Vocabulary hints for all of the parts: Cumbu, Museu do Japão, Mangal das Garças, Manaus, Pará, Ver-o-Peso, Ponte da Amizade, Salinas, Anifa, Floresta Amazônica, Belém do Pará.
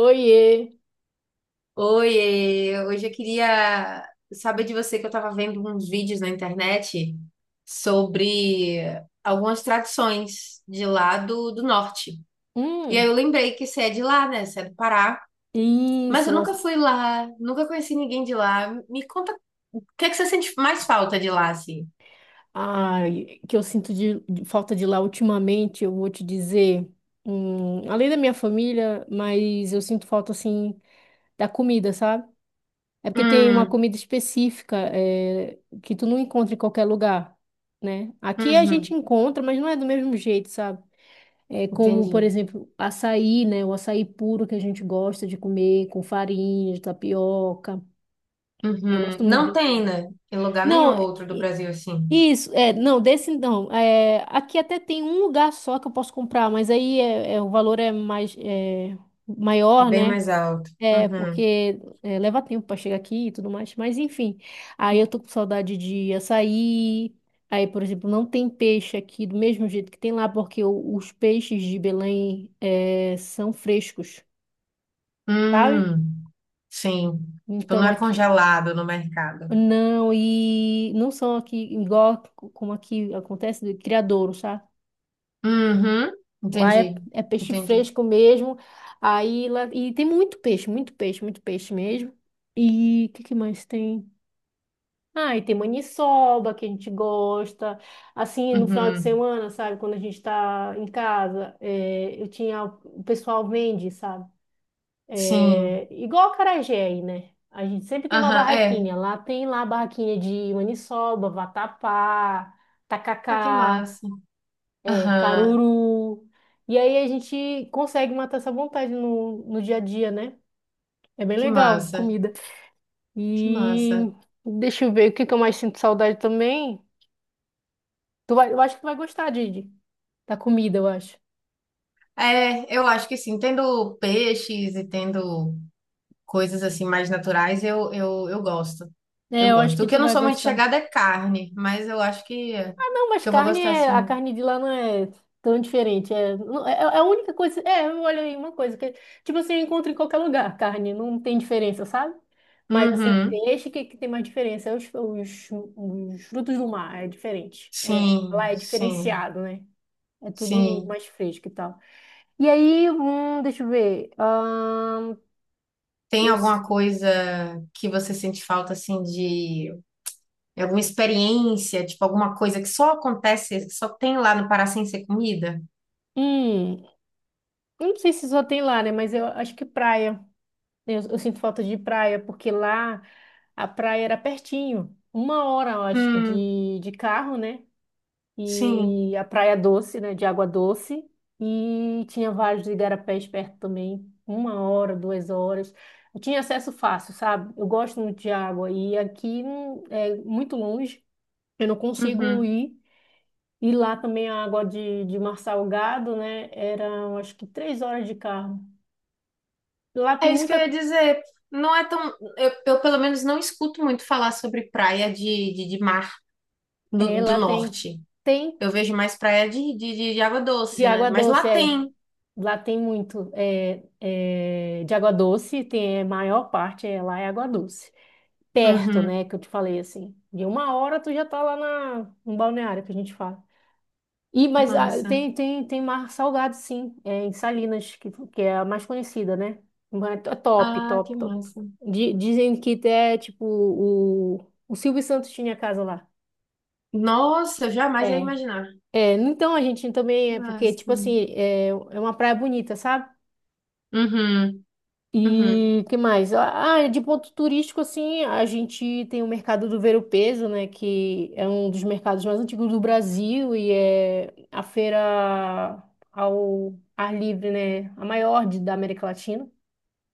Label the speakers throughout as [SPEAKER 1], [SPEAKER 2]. [SPEAKER 1] Oiê!
[SPEAKER 2] Oi, hoje eu queria saber de você que eu estava vendo uns vídeos na internet sobre algumas tradições de lá do norte. E aí
[SPEAKER 1] Hum,
[SPEAKER 2] eu lembrei que você é de lá, né? Você é do Pará. Mas
[SPEAKER 1] isso,
[SPEAKER 2] eu nunca
[SPEAKER 1] mas...
[SPEAKER 2] fui lá, nunca conheci ninguém de lá. Me conta, o que é que você sente mais falta de lá, assim?
[SPEAKER 1] Ai, que eu sinto de falta de lá ultimamente, eu vou te dizer, além da minha família, mas eu sinto falta, assim, da comida, sabe? É porque tem uma
[SPEAKER 2] Hum,
[SPEAKER 1] comida específica, que tu não encontra em qualquer lugar, né? Aqui a gente
[SPEAKER 2] uhum,
[SPEAKER 1] encontra, mas não é do mesmo jeito, sabe? É como, por
[SPEAKER 2] entendi.
[SPEAKER 1] exemplo, açaí, né? O açaí puro que a gente gosta de comer, com farinha, de tapioca. Eu
[SPEAKER 2] Uhum.
[SPEAKER 1] gosto muito
[SPEAKER 2] Não
[SPEAKER 1] de...
[SPEAKER 2] tem, né? Em lugar
[SPEAKER 1] Não,
[SPEAKER 2] nenhum
[SPEAKER 1] é,
[SPEAKER 2] outro do Brasil, assim.
[SPEAKER 1] isso, é, não, desse não. É, aqui até tem um lugar só que eu posso comprar, mas aí é, o valor é mais maior,
[SPEAKER 2] Bem
[SPEAKER 1] né?
[SPEAKER 2] mais alto.
[SPEAKER 1] É,
[SPEAKER 2] Uhum.
[SPEAKER 1] porque leva tempo para chegar aqui e tudo mais. Mas enfim, aí eu tô com saudade de açaí. Aí, por exemplo, não tem peixe aqui do mesmo jeito que tem lá, porque os peixes de Belém são frescos, sabe?
[SPEAKER 2] Hum. Sim. Tipo, não
[SPEAKER 1] Então
[SPEAKER 2] é
[SPEAKER 1] aqui.
[SPEAKER 2] congelado no mercado.
[SPEAKER 1] Não, e não são aqui igual como aqui acontece de criadouro, sabe?
[SPEAKER 2] Uhum.
[SPEAKER 1] Lá é,
[SPEAKER 2] Entendi.
[SPEAKER 1] é peixe
[SPEAKER 2] Entendi.
[SPEAKER 1] fresco mesmo. Aí lá, e tem muito peixe, muito peixe, muito peixe mesmo. E o que, que mais tem? Ah, e tem maniçoba que a gente gosta. Assim, no final de
[SPEAKER 2] Uhum.
[SPEAKER 1] semana, sabe? Quando a gente tá em casa, eu tinha. O pessoal vende, sabe?
[SPEAKER 2] Sim.
[SPEAKER 1] É, igual a acarajé aí, né? A gente sempre tem uma
[SPEAKER 2] Aham, é.
[SPEAKER 1] barraquinha. Lá tem lá a barraquinha de maniçoba, vatapá,
[SPEAKER 2] Ah, que
[SPEAKER 1] tacacá.
[SPEAKER 2] massa.
[SPEAKER 1] É,
[SPEAKER 2] Aham,
[SPEAKER 1] caruru. E aí a gente consegue matar essa vontade no dia a dia, né? É bem
[SPEAKER 2] que
[SPEAKER 1] legal,
[SPEAKER 2] massa.
[SPEAKER 1] comida.
[SPEAKER 2] Que massa.
[SPEAKER 1] E deixa eu ver o que que eu mais sinto saudade também. Tu vai, eu acho que tu vai gostar, Didi, da comida, eu acho.
[SPEAKER 2] É, eu acho que sim. Tendo peixes e tendo coisas assim mais naturais, eu gosto.
[SPEAKER 1] É,
[SPEAKER 2] Eu
[SPEAKER 1] eu acho
[SPEAKER 2] gosto. O
[SPEAKER 1] que
[SPEAKER 2] que eu
[SPEAKER 1] tu
[SPEAKER 2] não
[SPEAKER 1] vai
[SPEAKER 2] sou muito
[SPEAKER 1] gostar.
[SPEAKER 2] chegada é carne, mas eu acho que,
[SPEAKER 1] Não, mas
[SPEAKER 2] que eu vou
[SPEAKER 1] carne
[SPEAKER 2] gostar
[SPEAKER 1] é, a
[SPEAKER 2] sim.
[SPEAKER 1] carne de lá não é tão diferente. É, é a única coisa. É, olha aí uma coisa que tipo assim, eu encontro em qualquer lugar, carne, não tem diferença, sabe? Mas assim,
[SPEAKER 2] Uhum.
[SPEAKER 1] peixe que tem mais diferença, é os frutos do mar é diferente. É,
[SPEAKER 2] Sim,
[SPEAKER 1] lá é
[SPEAKER 2] sim,
[SPEAKER 1] diferenciado, né? É tudo
[SPEAKER 2] sim.
[SPEAKER 1] mais fresco e tal. E aí, deixa eu ver.
[SPEAKER 2] Tem
[SPEAKER 1] Eu, s-
[SPEAKER 2] alguma coisa que você sente falta, assim, de alguma experiência, tipo, alguma coisa que só acontece, que só tem lá no Pará sem ser comida?
[SPEAKER 1] hum, eu não sei se só tem lá, né? Mas eu acho que praia. Eu sinto falta de praia, porque lá a praia era pertinho. Uma hora, eu acho que,
[SPEAKER 2] Hum,
[SPEAKER 1] de carro, né?
[SPEAKER 2] sim.
[SPEAKER 1] E a praia doce, né? De água doce. E tinha vários igarapés perto também. Uma hora, 2 horas. Eu tinha acesso fácil, sabe? Eu gosto muito de água. E aqui é muito longe. Eu não consigo
[SPEAKER 2] Uhum.
[SPEAKER 1] ir. E lá também a água de mar salgado, né? Era, eu acho que, 3 horas de carro. Lá tem
[SPEAKER 2] É isso que eu ia
[SPEAKER 1] muita...
[SPEAKER 2] dizer. Não é tão. Eu, pelo menos, não escuto muito falar sobre praia de mar
[SPEAKER 1] É,
[SPEAKER 2] do
[SPEAKER 1] lá tem...
[SPEAKER 2] norte.
[SPEAKER 1] Tem.
[SPEAKER 2] Eu vejo mais praia de água
[SPEAKER 1] De
[SPEAKER 2] doce, né?
[SPEAKER 1] água
[SPEAKER 2] Mas lá
[SPEAKER 1] doce, é.
[SPEAKER 2] tem.
[SPEAKER 1] Lá tem muito de água doce, tem a maior parte lá é água doce. Perto,
[SPEAKER 2] Uhum.
[SPEAKER 1] né, que eu te falei assim. De uma hora tu já tá lá no balneário que a gente fala. E, mas ah,
[SPEAKER 2] Massa.
[SPEAKER 1] tem mar salgado, sim, em Salinas, que é a mais conhecida, né? Mas é top,
[SPEAKER 2] Ah, que
[SPEAKER 1] top, top.
[SPEAKER 2] massa.
[SPEAKER 1] Dizem que até, tipo, o Silvio Santos tinha casa lá.
[SPEAKER 2] Nossa, eu jamais ia
[SPEAKER 1] É.
[SPEAKER 2] imaginar.
[SPEAKER 1] É, então a gente também é porque, tipo
[SPEAKER 2] Massa.
[SPEAKER 1] assim, é uma praia bonita, sabe?
[SPEAKER 2] Uhum. Uhum.
[SPEAKER 1] E que mais? Ah, de ponto turístico, assim, a gente tem o mercado do Ver-o-Peso, né? Que é um dos mercados mais antigos do Brasil e é a feira ao ar livre, né? A maior da América Latina.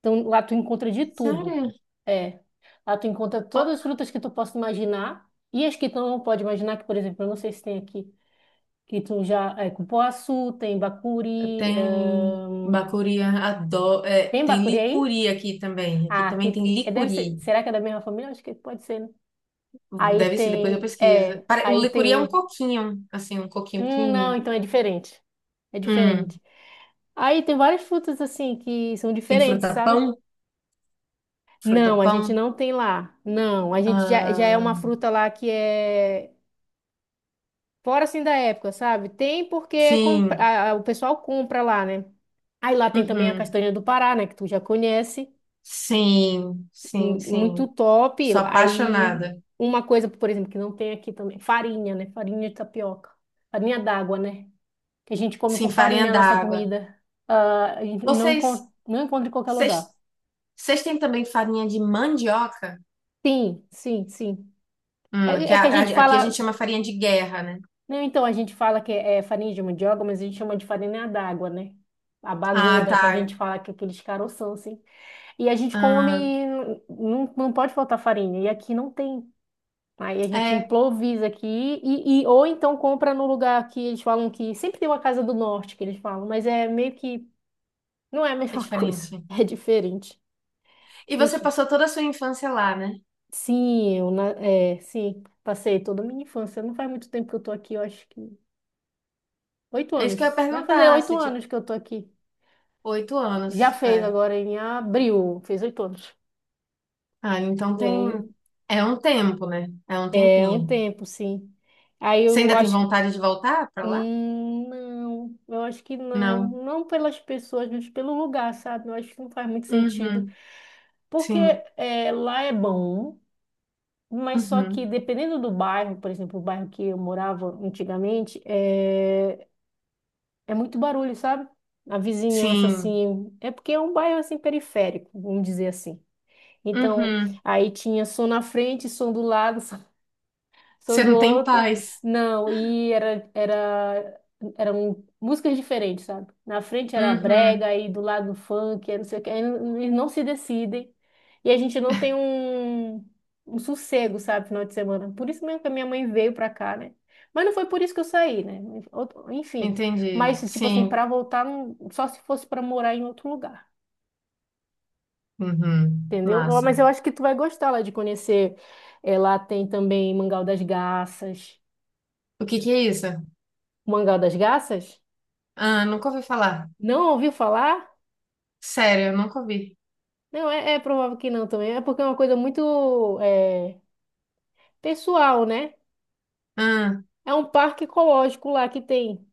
[SPEAKER 1] Então, lá tu encontra de tudo.
[SPEAKER 2] Sério?
[SPEAKER 1] É. Lá tu encontra
[SPEAKER 2] Ó,
[SPEAKER 1] todas as frutas que tu possa imaginar e as que tu não pode imaginar, que, por exemplo, eu não sei se tem aqui, que tu já... É cupuaçu, tem bacuri...
[SPEAKER 2] tem bacuri adoro. É,
[SPEAKER 1] Tem
[SPEAKER 2] tem
[SPEAKER 1] bacuri aí?
[SPEAKER 2] Licuri aqui também. Aqui
[SPEAKER 1] Ah,
[SPEAKER 2] também
[SPEAKER 1] aqui
[SPEAKER 2] tem
[SPEAKER 1] deve ser.
[SPEAKER 2] Licuri.
[SPEAKER 1] Será que é da mesma família? Acho que pode ser, né? Aí
[SPEAKER 2] Deve ser, depois eu
[SPEAKER 1] tem.
[SPEAKER 2] pesquiso.
[SPEAKER 1] É,
[SPEAKER 2] O
[SPEAKER 1] aí
[SPEAKER 2] Licuri é um
[SPEAKER 1] tem.
[SPEAKER 2] coquinho, assim, um coquinho
[SPEAKER 1] Não,
[SPEAKER 2] pequenininho.
[SPEAKER 1] então é diferente. É diferente.
[SPEAKER 2] Hum,
[SPEAKER 1] Aí tem várias frutas assim que são
[SPEAKER 2] tem
[SPEAKER 1] diferentes, sabe?
[SPEAKER 2] fruta-pão,
[SPEAKER 1] Não, a gente
[SPEAKER 2] fruta-pão.
[SPEAKER 1] não tem lá. Não, a gente já é uma
[SPEAKER 2] Ah,
[SPEAKER 1] fruta lá que é fora assim da época, sabe? Tem porque compra,
[SPEAKER 2] sim,
[SPEAKER 1] o pessoal compra lá, né? Aí lá tem também a
[SPEAKER 2] uhum.
[SPEAKER 1] castanha do Pará, né? Que tu já conhece.
[SPEAKER 2] Sim, sim,
[SPEAKER 1] Muito
[SPEAKER 2] sim.
[SPEAKER 1] top.
[SPEAKER 2] Sou
[SPEAKER 1] Aí,
[SPEAKER 2] apaixonada.
[SPEAKER 1] uma coisa, por exemplo, que não tem aqui também, farinha, né? Farinha de tapioca. Farinha d'água, né? Que a gente come
[SPEAKER 2] Sim,
[SPEAKER 1] com
[SPEAKER 2] farinha
[SPEAKER 1] farinha na nossa
[SPEAKER 2] d'água.
[SPEAKER 1] comida. Ah, e não
[SPEAKER 2] Vocês,
[SPEAKER 1] encontra, não encontra em qualquer
[SPEAKER 2] vocês,
[SPEAKER 1] lugar.
[SPEAKER 2] vocês têm também farinha de mandioca?
[SPEAKER 1] Sim, sim, sim.
[SPEAKER 2] Hum, que
[SPEAKER 1] É, é
[SPEAKER 2] a-
[SPEAKER 1] que a gente
[SPEAKER 2] Aqui a gente
[SPEAKER 1] fala.
[SPEAKER 2] chama farinha de guerra, né?
[SPEAKER 1] Não, então, a gente fala que é farinha de mandioca, mas a gente chama de farinha d'água, né? A
[SPEAKER 2] Ah,
[SPEAKER 1] baguda, que a
[SPEAKER 2] tá.
[SPEAKER 1] gente fala que é aqueles caroção, assim. E a gente
[SPEAKER 2] Ah,
[SPEAKER 1] come. Não, não pode faltar farinha. E aqui não tem. Aí a gente
[SPEAKER 2] é,
[SPEAKER 1] improvisa aqui ou então compra no lugar que eles falam que sempre tem uma casa do norte que eles falam, mas é meio que não é a
[SPEAKER 2] é
[SPEAKER 1] mesma coisa,
[SPEAKER 2] diferente.
[SPEAKER 1] é diferente.
[SPEAKER 2] E você
[SPEAKER 1] Deixa.
[SPEAKER 2] passou toda a sua infância lá, né?
[SPEAKER 1] Sim, sim, passei toda a minha infância. Não faz muito tempo que eu tô aqui, eu acho que oito
[SPEAKER 2] É isso
[SPEAKER 1] anos.
[SPEAKER 2] que eu ia
[SPEAKER 1] Vai fazer
[SPEAKER 2] perguntar,
[SPEAKER 1] oito
[SPEAKER 2] se tipo,
[SPEAKER 1] anos que eu tô aqui.
[SPEAKER 2] oito
[SPEAKER 1] Já
[SPEAKER 2] anos.
[SPEAKER 1] fez
[SPEAKER 2] É.
[SPEAKER 1] agora em abril, fez 8 anos.
[SPEAKER 2] Ah, então
[SPEAKER 1] E aí
[SPEAKER 2] tem. É um tempo, né? É um
[SPEAKER 1] é um
[SPEAKER 2] tempinho.
[SPEAKER 1] tempo, sim. Aí
[SPEAKER 2] Você
[SPEAKER 1] eu
[SPEAKER 2] ainda tem
[SPEAKER 1] acho,
[SPEAKER 2] vontade de voltar pra lá?
[SPEAKER 1] Não, eu acho que não.
[SPEAKER 2] Não.
[SPEAKER 1] Não pelas pessoas, mas pelo lugar, sabe? Eu acho que não faz muito sentido.
[SPEAKER 2] Uhum.
[SPEAKER 1] Porque
[SPEAKER 2] Sim.
[SPEAKER 1] lá é bom, mas só que
[SPEAKER 2] Uhum.
[SPEAKER 1] dependendo do bairro, por exemplo, o bairro que eu morava antigamente, é muito barulho, sabe? A vizinhança,
[SPEAKER 2] Sim.
[SPEAKER 1] assim. É porque é um bairro, assim, periférico, vamos dizer assim. Então,
[SPEAKER 2] Uhum.
[SPEAKER 1] aí tinha som na frente, som do lado, São
[SPEAKER 2] Você
[SPEAKER 1] do
[SPEAKER 2] não tem
[SPEAKER 1] outro.
[SPEAKER 2] paz.
[SPEAKER 1] Não, e eram músicas diferentes, sabe? Na frente era brega,
[SPEAKER 2] Uhum.
[SPEAKER 1] aí do lado funk, aí não sei o que. Eles não se decidem. E a gente não tem um sossego, sabe, final de semana. Por isso mesmo que a minha mãe veio pra cá, né? Mas não foi por isso que eu saí, né? Enfim.
[SPEAKER 2] Entendi.
[SPEAKER 1] Mas, tipo assim,
[SPEAKER 2] Sim.
[SPEAKER 1] pra voltar, só se fosse pra morar em outro lugar.
[SPEAKER 2] Uhum.
[SPEAKER 1] Entendeu? Ó,
[SPEAKER 2] Massa.
[SPEAKER 1] mas eu acho que tu vai gostar lá de conhecer. É, lá tem também Mangal das Garças.
[SPEAKER 2] O que que é isso?
[SPEAKER 1] O Mangal das Garças?
[SPEAKER 2] Ah, nunca ouvi falar.
[SPEAKER 1] Não ouviu falar?
[SPEAKER 2] Sério, eu nunca ouvi.
[SPEAKER 1] Não, é provável que não também. É porque é uma coisa muito pessoal, né?
[SPEAKER 2] Ah.
[SPEAKER 1] É um parque ecológico lá que tem.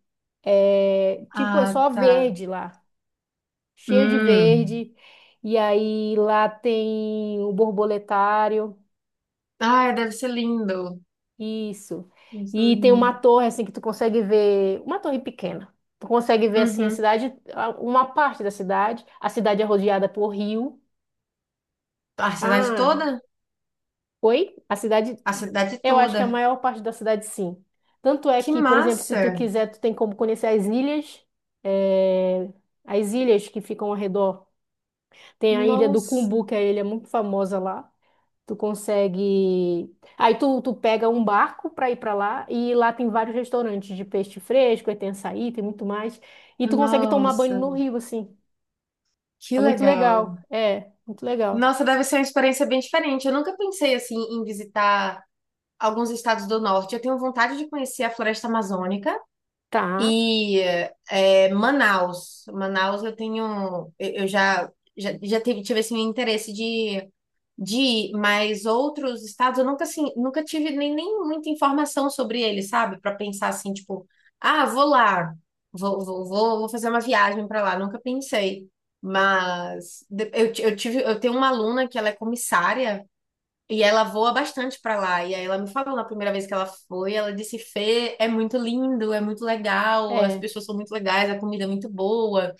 [SPEAKER 1] É, tipo, é
[SPEAKER 2] Ah,
[SPEAKER 1] só
[SPEAKER 2] tá.
[SPEAKER 1] verde lá. Cheio de
[SPEAKER 2] Hum.
[SPEAKER 1] verde. E aí lá tem o borboletário.
[SPEAKER 2] Ah, deve ser lindo.
[SPEAKER 1] Isso.
[SPEAKER 2] Deve ser
[SPEAKER 1] E tem uma
[SPEAKER 2] lindo.
[SPEAKER 1] torre, assim, que tu consegue ver. Uma torre pequena. Tu consegue ver, assim, a
[SPEAKER 2] Uhum.
[SPEAKER 1] cidade, uma parte da cidade. A cidade é rodeada por rio.
[SPEAKER 2] A cidade
[SPEAKER 1] Ah,
[SPEAKER 2] toda?
[SPEAKER 1] oi? A cidade,
[SPEAKER 2] A cidade
[SPEAKER 1] eu acho que
[SPEAKER 2] toda.
[SPEAKER 1] a maior parte da cidade sim. Tanto é
[SPEAKER 2] Que
[SPEAKER 1] que, por exemplo, se
[SPEAKER 2] massa!
[SPEAKER 1] tu quiser, tu tem como conhecer as ilhas, eh, as ilhas que ficam ao redor. Tem a ilha do
[SPEAKER 2] Nossa,
[SPEAKER 1] Cumbu, que é a ilha muito famosa lá. Tu consegue. Aí tu pega um barco para ir para lá e lá tem vários restaurantes de peixe fresco, aí tem açaí, tem muito mais. E tu consegue tomar banho
[SPEAKER 2] nossa,
[SPEAKER 1] no rio, assim.
[SPEAKER 2] que
[SPEAKER 1] É muito
[SPEAKER 2] legal.
[SPEAKER 1] legal. É, muito legal.
[SPEAKER 2] Nossa, deve ser uma experiência bem diferente. Eu nunca pensei assim em visitar alguns estados do norte. Eu tenho vontade de conhecer a Floresta Amazônica
[SPEAKER 1] Tá.
[SPEAKER 2] e Manaus. Manaus eu já tive assim, o interesse de ir, mas outros estados eu nunca assim, nunca tive nem muita informação sobre eles, sabe? Para pensar assim, tipo, ah, vou lá, vou fazer uma viagem para lá, nunca pensei. Mas de- eu, ti- eu tive, eu tenho uma aluna que ela é comissária e ela voa bastante para lá. E aí ela me falou na primeira vez que ela foi, ela disse, Fê, é muito lindo, é muito legal, as
[SPEAKER 1] É.
[SPEAKER 2] pessoas são muito legais, a comida é muito boa.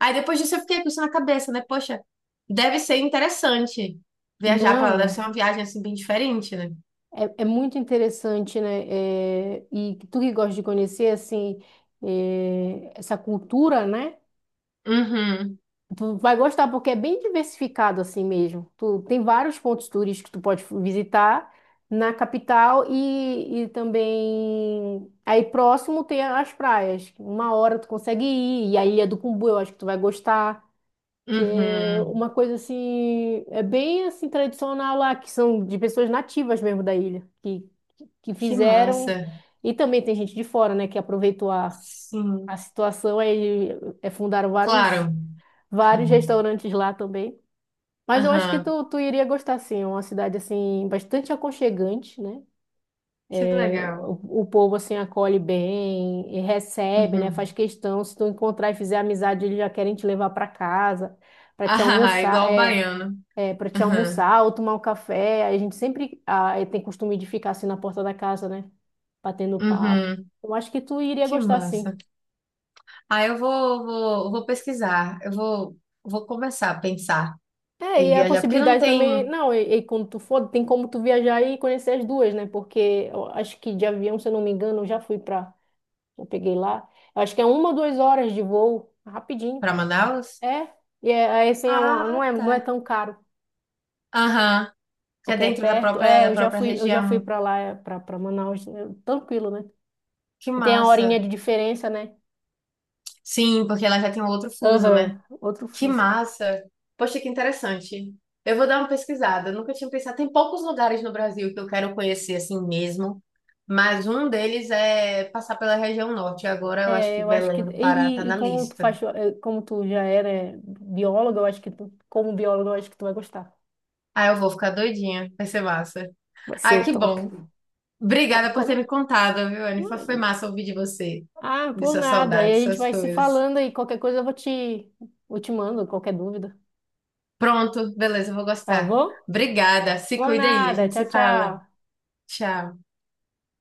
[SPEAKER 2] Aí depois disso eu fiquei com isso na cabeça, né? Poxa, deve ser interessante viajar pra lá, deve ser
[SPEAKER 1] Não.
[SPEAKER 2] uma viagem assim bem diferente, né?
[SPEAKER 1] É muito interessante, né? É, e tu que gosta de conhecer, assim, essa cultura, né?
[SPEAKER 2] Uhum,
[SPEAKER 1] Tu vai gostar porque é bem diversificado assim mesmo. Tu tem vários pontos turísticos que tu pode visitar na capital e também aí próximo tem as praias. Uma hora tu consegue ir e a Ilha do Cumbu eu acho que tu vai gostar que é
[SPEAKER 2] uhum.
[SPEAKER 1] uma coisa assim, é bem assim tradicional lá, que são de pessoas nativas mesmo da ilha, que
[SPEAKER 2] Que
[SPEAKER 1] fizeram,
[SPEAKER 2] massa.
[SPEAKER 1] e também tem gente de fora, né, que aproveitou a
[SPEAKER 2] Sim,
[SPEAKER 1] situação, aí fundaram vários,
[SPEAKER 2] claro.
[SPEAKER 1] vários restaurantes lá também. Mas eu acho que
[SPEAKER 2] Aham,
[SPEAKER 1] tu iria gostar, sim, é uma cidade assim, bastante aconchegante, né?
[SPEAKER 2] que
[SPEAKER 1] É,
[SPEAKER 2] legal.
[SPEAKER 1] o povo assim acolhe bem, e recebe, né? Faz
[SPEAKER 2] Uhum.
[SPEAKER 1] questão, se tu encontrar e fizer amizade, eles já querem te levar para casa, para te
[SPEAKER 2] Ah,
[SPEAKER 1] almoçar,
[SPEAKER 2] igual o baiano.
[SPEAKER 1] para te
[SPEAKER 2] Aham,
[SPEAKER 1] almoçar ou tomar um café. A gente sempre tem costume de ficar assim na porta da casa, né? Batendo papo.
[SPEAKER 2] uhum.
[SPEAKER 1] Eu acho que tu iria
[SPEAKER 2] Que
[SPEAKER 1] gostar,
[SPEAKER 2] massa.
[SPEAKER 1] sim.
[SPEAKER 2] Ah, eu vou pesquisar. Eu vou começar a pensar
[SPEAKER 1] É,
[SPEAKER 2] em
[SPEAKER 1] e a
[SPEAKER 2] viajar, porque não
[SPEAKER 1] possibilidade também,
[SPEAKER 2] tem
[SPEAKER 1] não, e quando tu for, tem como tu viajar e conhecer as duas, né? Porque eu acho que de avião, se eu não me engano, eu já fui pra, eu peguei lá. Eu acho que é uma ou duas horas de voo, rapidinho.
[SPEAKER 2] para Manaus?
[SPEAKER 1] É, e é, aí, assim, é uma,
[SPEAKER 2] Ah,
[SPEAKER 1] não é,
[SPEAKER 2] tá.
[SPEAKER 1] não é tão caro,
[SPEAKER 2] Aham. Que é
[SPEAKER 1] porque é
[SPEAKER 2] dentro da
[SPEAKER 1] perto.
[SPEAKER 2] própria,
[SPEAKER 1] É,
[SPEAKER 2] da própria
[SPEAKER 1] eu já fui
[SPEAKER 2] região.
[SPEAKER 1] pra lá, é, pra Manaus, é, tranquilo, né?
[SPEAKER 2] Que
[SPEAKER 1] E tem a
[SPEAKER 2] massa.
[SPEAKER 1] horinha de diferença, né?
[SPEAKER 2] Sim, porque ela já tem um outro fuso,
[SPEAKER 1] Aham,
[SPEAKER 2] né?
[SPEAKER 1] outro
[SPEAKER 2] Que
[SPEAKER 1] fuso.
[SPEAKER 2] massa. Poxa, que interessante. Eu vou dar uma pesquisada. Eu nunca tinha pensado. Tem poucos lugares no Brasil que eu quero conhecer assim mesmo. Mas um deles é passar pela região norte. Agora eu acho
[SPEAKER 1] É,
[SPEAKER 2] que
[SPEAKER 1] eu acho que.
[SPEAKER 2] Belém do Pará tá
[SPEAKER 1] E
[SPEAKER 2] na
[SPEAKER 1] como tu
[SPEAKER 2] lista.
[SPEAKER 1] faz, como tu já era bióloga, eu acho que tu, como bióloga, eu acho que tu vai gostar.
[SPEAKER 2] Ah, eu vou ficar doidinha. Vai ser massa.
[SPEAKER 1] Vai
[SPEAKER 2] Ah,
[SPEAKER 1] ser
[SPEAKER 2] que
[SPEAKER 1] top.
[SPEAKER 2] bom.
[SPEAKER 1] Mas
[SPEAKER 2] Obrigada por ter
[SPEAKER 1] como?
[SPEAKER 2] me contado, viu, Anifa? Foi massa ouvir de você,
[SPEAKER 1] Ah,
[SPEAKER 2] de
[SPEAKER 1] por
[SPEAKER 2] suas
[SPEAKER 1] nada. Aí a
[SPEAKER 2] saudades
[SPEAKER 1] gente
[SPEAKER 2] suas
[SPEAKER 1] vai se
[SPEAKER 2] coisas.
[SPEAKER 1] falando e qualquer coisa eu vou te, eu te mando, qualquer dúvida.
[SPEAKER 2] Pronto, beleza, eu vou
[SPEAKER 1] Tá
[SPEAKER 2] gostar.
[SPEAKER 1] bom?
[SPEAKER 2] Obrigada, se
[SPEAKER 1] Por
[SPEAKER 2] cuida aí, a
[SPEAKER 1] nada.
[SPEAKER 2] gente
[SPEAKER 1] Tchau,
[SPEAKER 2] se fala.
[SPEAKER 1] tchau.
[SPEAKER 2] Tchau.